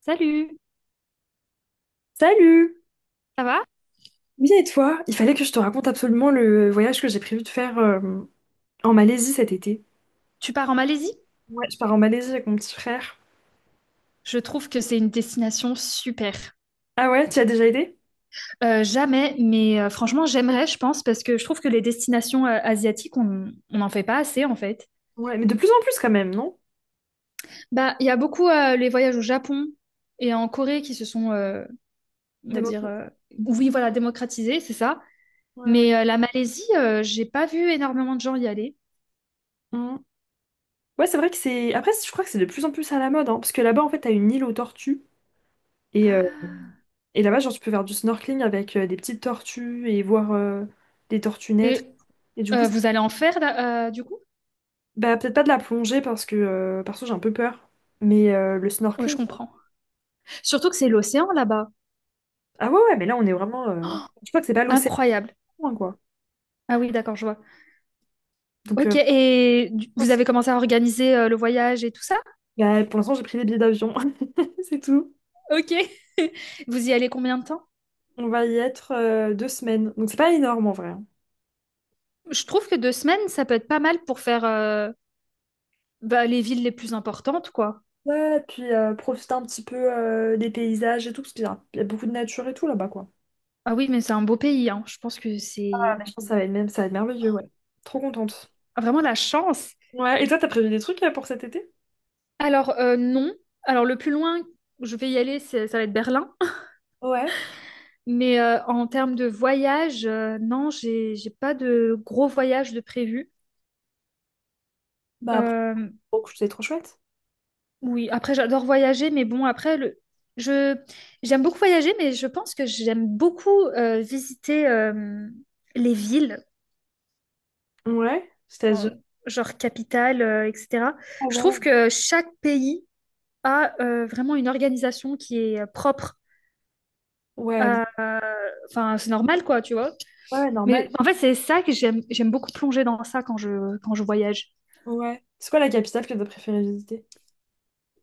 Salut, Salut! ça va? Bien et toi? Il fallait que je te raconte absolument le voyage que j'ai prévu de faire en Malaisie cet été. Tu pars en Malaisie? Ouais, je pars en Malaisie avec mon petit frère. Je trouve que c'est une destination super. Ah ouais, tu y as déjà été? Jamais, mais franchement, j'aimerais, je pense, parce que je trouve que les destinations asiatiques, on n'en fait pas assez, en fait. Ouais, mais de plus en plus quand même, non? Bah, il y a beaucoup les voyages au Japon et en Corée qui se sont, on va dire, Démocratie. Oui, voilà, démocratisés, c'est ça. Ouais. Mais la Malaisie, j'ai pas vu énormément de gens y aller. Mm. Ouais, c'est vrai que c'est après, je crois que c'est de plus en plus à la mode, hein, parce que là-bas, en fait, t'as une île aux tortues. Et, euh, Ah. et là-bas, genre, tu peux faire du snorkeling avec des petites tortues et voir des tortues naître. Et Et du coup, c'est- vous allez en faire, là, du coup? Bah, peut-être pas de la plongée, parce que, perso, j'ai un peu peur. Mais le Ouais, je snorkeling... comprends. Surtout que c'est l'océan là-bas. Ah ouais, ouais, mais là, on est vraiment. Je crois que c'est pas l'océan, Incroyable. loin, quoi. Ah oui, d'accord, je vois. Donc, Ok, euh, et vous avez commencé à organiser le voyage et tout ça? bah, pour l'instant, j'ai pris des billets d'avion. C'est tout. Ok. Vous y allez combien de temps? On va y être deux semaines. Donc, c'est pas énorme en vrai, hein. Je trouve que deux semaines, ça peut être pas mal pour faire bah, les villes les plus importantes, quoi. Ouais, puis profiter un petit peu des paysages et tout, parce qu'il y a beaucoup de nature et tout là-bas, quoi. Ah oui, mais c'est un beau pays, hein. Je pense que Ah, c'est mais je pense que ça va être merveilleux, ouais. Trop contente. vraiment la chance. Ouais, et toi, t'as prévu des trucs pour cet été? Alors, non. Alors, le plus loin, je vais y aller, ça va être Berlin. Ouais, Mais en termes de voyage, non, j'ai pas de gros voyage de prévu. bah après, Euh, oh, c'est trop chouette. Oui, après j'adore voyager, mais bon, après le je j'aime beaucoup voyager, mais je pense que j'aime beaucoup visiter les villes, Ouais, en- c'est-à-dire. genre capitale, etc. Ah Je ouais, trouve que chaque pays a vraiment une organisation qui est propre ouais, à à- enfin c'est normal quoi, tu vois. ouais, normal. Mais en fait c'est ça que j'aime beaucoup plonger dans ça quand je voyage. Ouais. C'est quoi la capitale que t'as préféré visiter?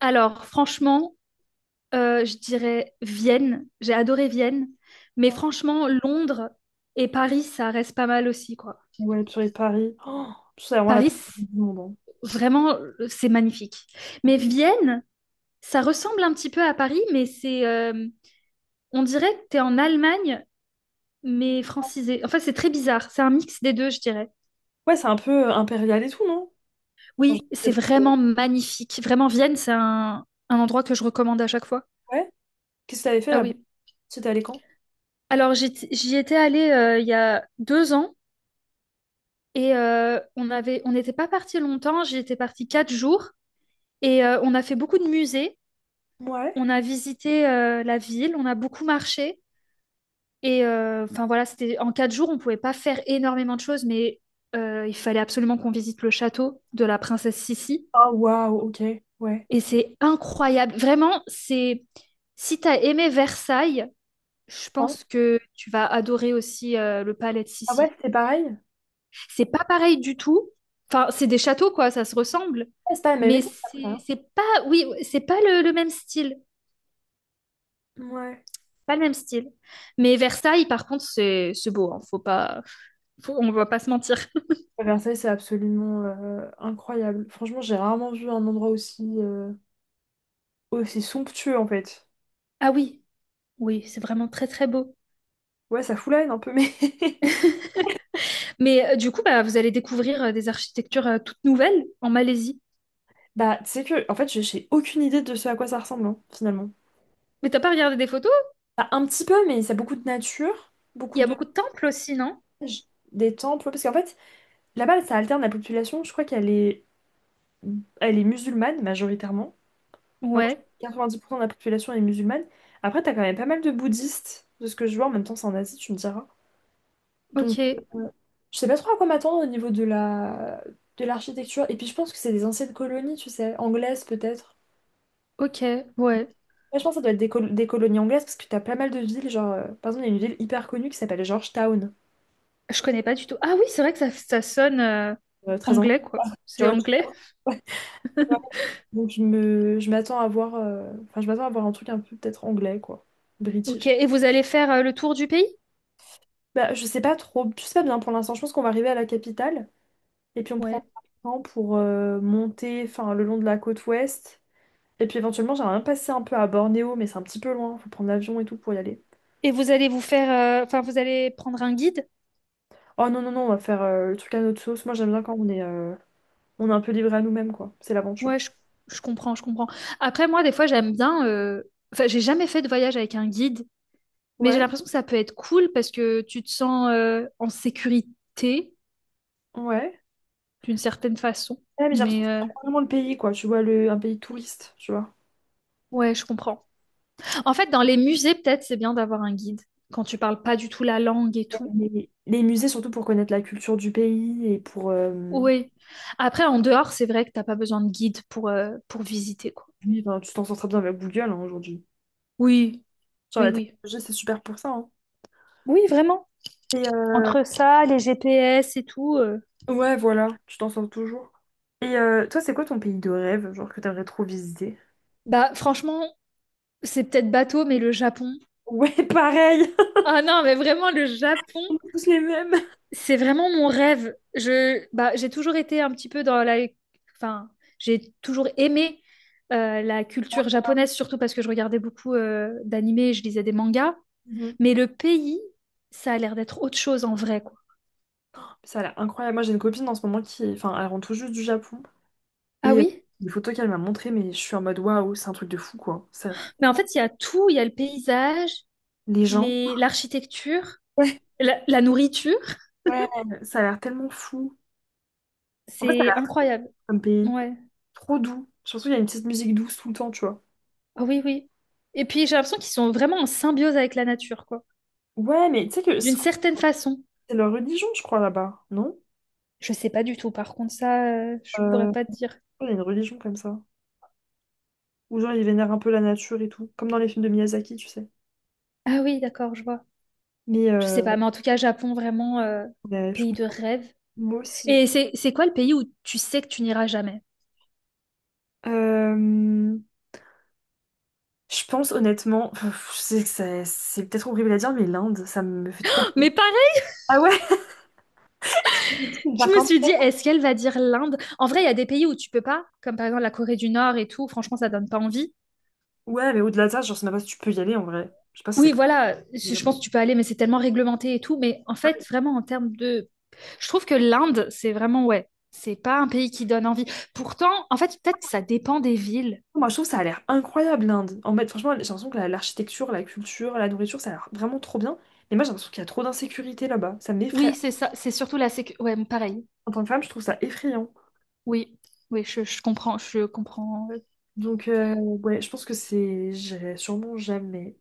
Alors franchement, je dirais Vienne. J'ai adoré Vienne. Mais franchement, Londres et Paris, ça reste pas mal aussi, quoi. Ouais, purée, de Paris. Oh, c'est vraiment la pire Paris, ville du monde, hein. vraiment, c'est magnifique. Mais Vienne, ça ressemble un petit peu à Paris, mais on dirait que t'es en Allemagne, mais francisé. Enfin, c'est très bizarre. C'est un mix des deux, je dirais. Ouais, c'est un peu impérial et tout, non? En Oui, général, c'est c'est- vraiment magnifique. Vraiment, Vienne, c'est un endroit que je recommande à chaque fois. Ouais. Qu'est-ce que t'avais fait Ah là-bas? oui. C'était allé quand? Alors, j'y étais allée il y a deux ans. Et on n'était pas parti longtemps, j'étais partie quatre jours et on a fait beaucoup de musées, Ouais. on a visité la ville, on a beaucoup marché et enfin voilà, c'était en quatre jours, on pouvait pas faire énormément de choses, mais il fallait absolument qu'on visite le château de la princesse Sissi Ah, waouh, ok. Ouais. et c'est incroyable, vraiment, c'est si t'as aimé Versailles, je Ah ouais, pense que tu vas adorer aussi le palais de ah ouais, Sissi. c'est pareil? C'est pas pareil du tout. Enfin, c'est des châteaux, quoi, ça se ressemble. Ouais, c'est pas la même Mais époque après, c'est hein. c'est pas, oui, c'est pas le même style. Ouais. Pas le même style. Mais Versailles, par contre, c'est beau, hein. Faut pas, on va pas se mentir. Versailles, c'est absolument incroyable. Franchement, j'ai rarement vu un endroit aussi, aussi somptueux en fait. Ah oui, oui, c'est vraiment très très beau. Ouais, ça fout la haine un peu, mais. Mais du coup, bah, vous allez découvrir des architectures toutes nouvelles en Malaisie. Bah, tu sais que, en fait, j'ai aucune idée de ce à quoi ça ressemble, hein, finalement. Mais t'as pas regardé des photos? Bah, un petit peu, mais ça a beaucoup de nature, Il beaucoup y a de. beaucoup de temples aussi, non? J- des temples, ouais, parce qu'en fait, là-bas, ça alterne la population. Je crois qu'elle est, elle est musulmane majoritairement. Vraiment, je crois Ouais. que 90% de la population est musulmane. Après, t'as quand même pas mal de bouddhistes, de ce que je vois. En même temps, c'est en Asie, tu me diras. Donc, Ok. euh, je sais pas trop à quoi m'attendre au niveau de l'architecture. Et puis, je pense que c'est des anciennes colonies, tu sais, anglaises peut-être. Ok. Ouais. Ouais, je pense que ça doit être des colonies anglaises parce que t'as pas mal de villes. Genre, par exemple, il y a une ville hyper connue qui s'appelle Georgetown, Je connais pas du tout. Ah oui, c'est vrai que ça sonne très anglais, anglais, quoi. C'est George. anglais. Donc je m'attends à voir, enfin je m'attends à voir un truc un peu peut-être anglais quoi, Ok, british. et vous allez faire le tour du pays? Bah je sais pas trop, je sais pas bien pour l'instant. Je pense qu'on va arriver à la capitale et puis on prend Ouais. le temps pour monter, enfin le long de la côte ouest. Et puis éventuellement j'aimerais bien passer un peu à Bornéo, mais c'est un petit peu loin, faut prendre l'avion et tout pour y aller. Et vous allez vous faire, enfin, vous allez prendre un guide? Oh non non non, on va faire le truc à notre sauce. Moi j'aime bien quand on est un peu livré à nous-mêmes quoi, c'est Ouais, l'aventure. je comprends, je comprends. Après, moi, des fois, j'aime bien. Enfin, j'ai jamais fait de voyage avec un guide, mais j'ai Ouais, l'impression que ça peut être cool parce que tu te sens en sécurité ouais. d'une certaine façon. Ouais, mais j'ai l'impression Mais que c'est pas vraiment le pays quoi, tu vois un pays touriste, tu vois. ouais, je comprends. En fait, dans les musées, peut-être, c'est bien d'avoir un guide quand tu parles pas du tout la langue et tout. Les musées, surtout pour connaître la culture du pays et Oui. Après, en dehors, c'est vrai que t'as pas besoin de guide pour visiter, quoi. oui, ben, tu t'en sors très bien avec Google hein, aujourd'hui. Oui, Sur oui, la oui. technologie, c'est super pour ça, hein. Oui, vraiment. Et Entre ça, les GPS et tout, ouais, voilà, tu t'en sors toujours. Et toi, c'est quoi ton pays de rêve, genre que t'aimerais trop visiter? bah, franchement, c'est peut-être bateau, mais le Japon. Ouais, pareil! Ah non, mais vraiment, le Japon, On est tous les mêmes! c'est vraiment mon rêve. Bah, j'ai toujours été un petit peu dans la. Enfin, j'ai toujours aimé la culture japonaise, surtout parce que je regardais beaucoup d'animés et je lisais des mangas. Mhm. Mais le pays, ça a l'air d'être autre chose en vrai, quoi. Ça a l'air incroyable. Moi, j'ai une copine en ce moment qui est... Enfin, elle rentre tout juste du Japon. Ah Et oui? les photos qu'elle m'a montrées, mais je suis en mode waouh, c'est un truc de fou, quoi. Ça a l'air Mais en tellement... fait, il y a tout. Il y a le paysage, Les gens. L'architecture, la nourriture. Ouais, ouais, ça a l'air tellement fou. En fait, ça a C'est l'air trop incroyable. comme pays. Ouais. Trop doux. Surtout, il y a une petite musique douce tout le temps, tu vois. Ah oui, oui. Et puis j'ai l'impression qu'ils sont vraiment en symbiose avec la nature, quoi. Ouais, mais tu sais que D'une c'est certaine façon. c'est leur religion, je crois, là-bas, non? Je sais pas du tout, par contre, ça, je pourrais Euh, pas te dire. il y a une religion comme ça. Où genre, ils vénèrent un peu la nature et tout. Comme dans les films de Miyazaki, tu sais. Ah oui, d'accord, je vois. Mais Je sais pas, mais en tout cas, Japon, vraiment, ouais, je pays de comprends. rêve. Moi aussi. Et c'est quoi le pays où tu sais que tu n'iras jamais? Euh, je pense honnêtement, pff, je sais que ça- c'est peut-être horrible à dire, mais l'Inde, ça me fait trop Oh, peur. mais pareil, Ah ouais? Je me dis, je par me contre, suis dit, est-ce qu'elle va dire l'Inde? En vrai, il y a des pays où tu peux pas, comme par exemple la Corée du Nord et tout, franchement, ça donne pas envie. ouais, mais au-delà de ça, genre, c'est même pas si tu peux y aller en vrai. Je sais pas si c'est Oui, voilà, possible je là-bas. pense que tu peux aller, mais c'est tellement réglementé et tout. Mais en fait, vraiment, en termes de. Je trouve que l'Inde, c'est vraiment, ouais, c'est pas un pays qui donne envie. Pourtant, en fait, peut-être que ça dépend des villes. Moi, je trouve que ça a l'air incroyable, l'Inde. En fait, franchement, j'ai l'impression que l'architecture, la culture, la nourriture, ça a l'air vraiment trop bien. Mais moi, j'ai l'impression qu'il y a trop d'insécurité là-bas. Ça m'effraie. Oui, c'est ça, c'est surtout la sécurité. Ouais, pareil. En tant que femme, je trouve ça effrayant. Oui, oui, je comprends, je comprends. Ouais, je pense que c'est. J'irai sûrement jamais.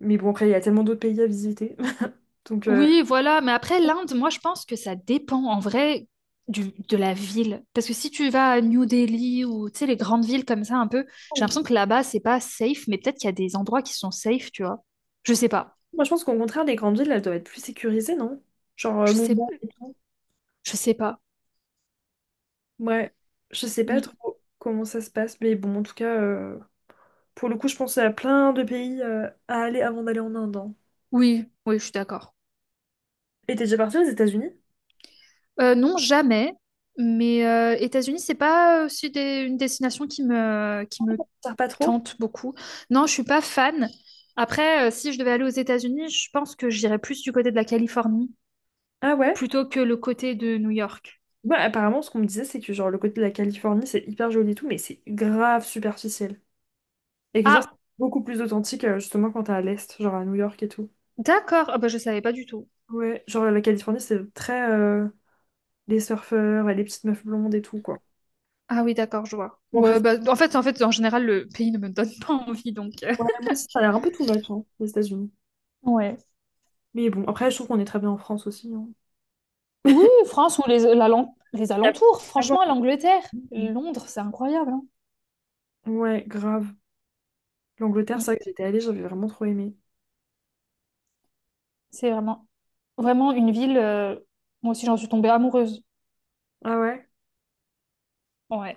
Mais bon, après, il y a tellement d'autres pays à visiter. Donc, euh, Oui, voilà, mais après, l'Inde, moi, je pense que ça dépend, en vrai, de la ville. Parce que si tu vas à New Delhi ou, tu sais, les grandes villes comme ça, un peu, j'ai l'impression que là-bas, c'est pas safe, mais peut-être qu'il y a des endroits qui sont safe, tu vois. Je sais pas. moi, je pense qu'au contraire, les grandes villes, elles doivent être plus sécurisées, non? Genre, Je sais, Mumbai et tout. je sais pas. Ouais, je sais pas Mm. trop comment ça se passe. Mais bon, en tout cas, pour le coup, je pense à plein de pays à aller avant d'aller en Inde, hein. Oui, oui, je suis d'accord. Et t'es déjà parti aux États-Unis? Non, jamais. Mais États-Unis, c'est pas aussi une destination qui me Ça sert pas trop? tente beaucoup. Non, je suis pas fan. Après, si je devais aller aux États-Unis, je pense que j'irais plus du côté de la Californie Ah ouais? plutôt que le côté de New York. Bah, apparemment, ce qu'on me disait, c'est que genre le côté de la Californie, c'est hyper joli et tout, mais c'est grave superficiel. Et que genre, c'est Ah, beaucoup plus authentique, justement, quand t'es à l'Est, genre à New York et tout. d'accord. Ah bah je savais pas du tout. Ouais, genre la Californie, c'est très les surfeurs et les petites meufs blondes et tout, quoi. Ah oui, d'accord, je vois. Bon, après, Ouais, ça- bah, en fait, en général, le pays ne me donne pas envie, donc. ouais, moi aussi, ça a l'air un peu too much, hein, les États-Unis. Ouais. Mais bon, après, je trouve qu'on est très bien en France aussi, hein. Oui, France ou les Puis, y a alentours, rien à voir. franchement, l'Angleterre, Londres, c'est incroyable, hein. Ouais, grave. L'Angleterre, Mm. c'est vrai que j'étais allée, j'avais vraiment trop aimé. C'est vraiment, vraiment une ville. Moi aussi, j'en suis tombée amoureuse. Ah ouais? Ouais.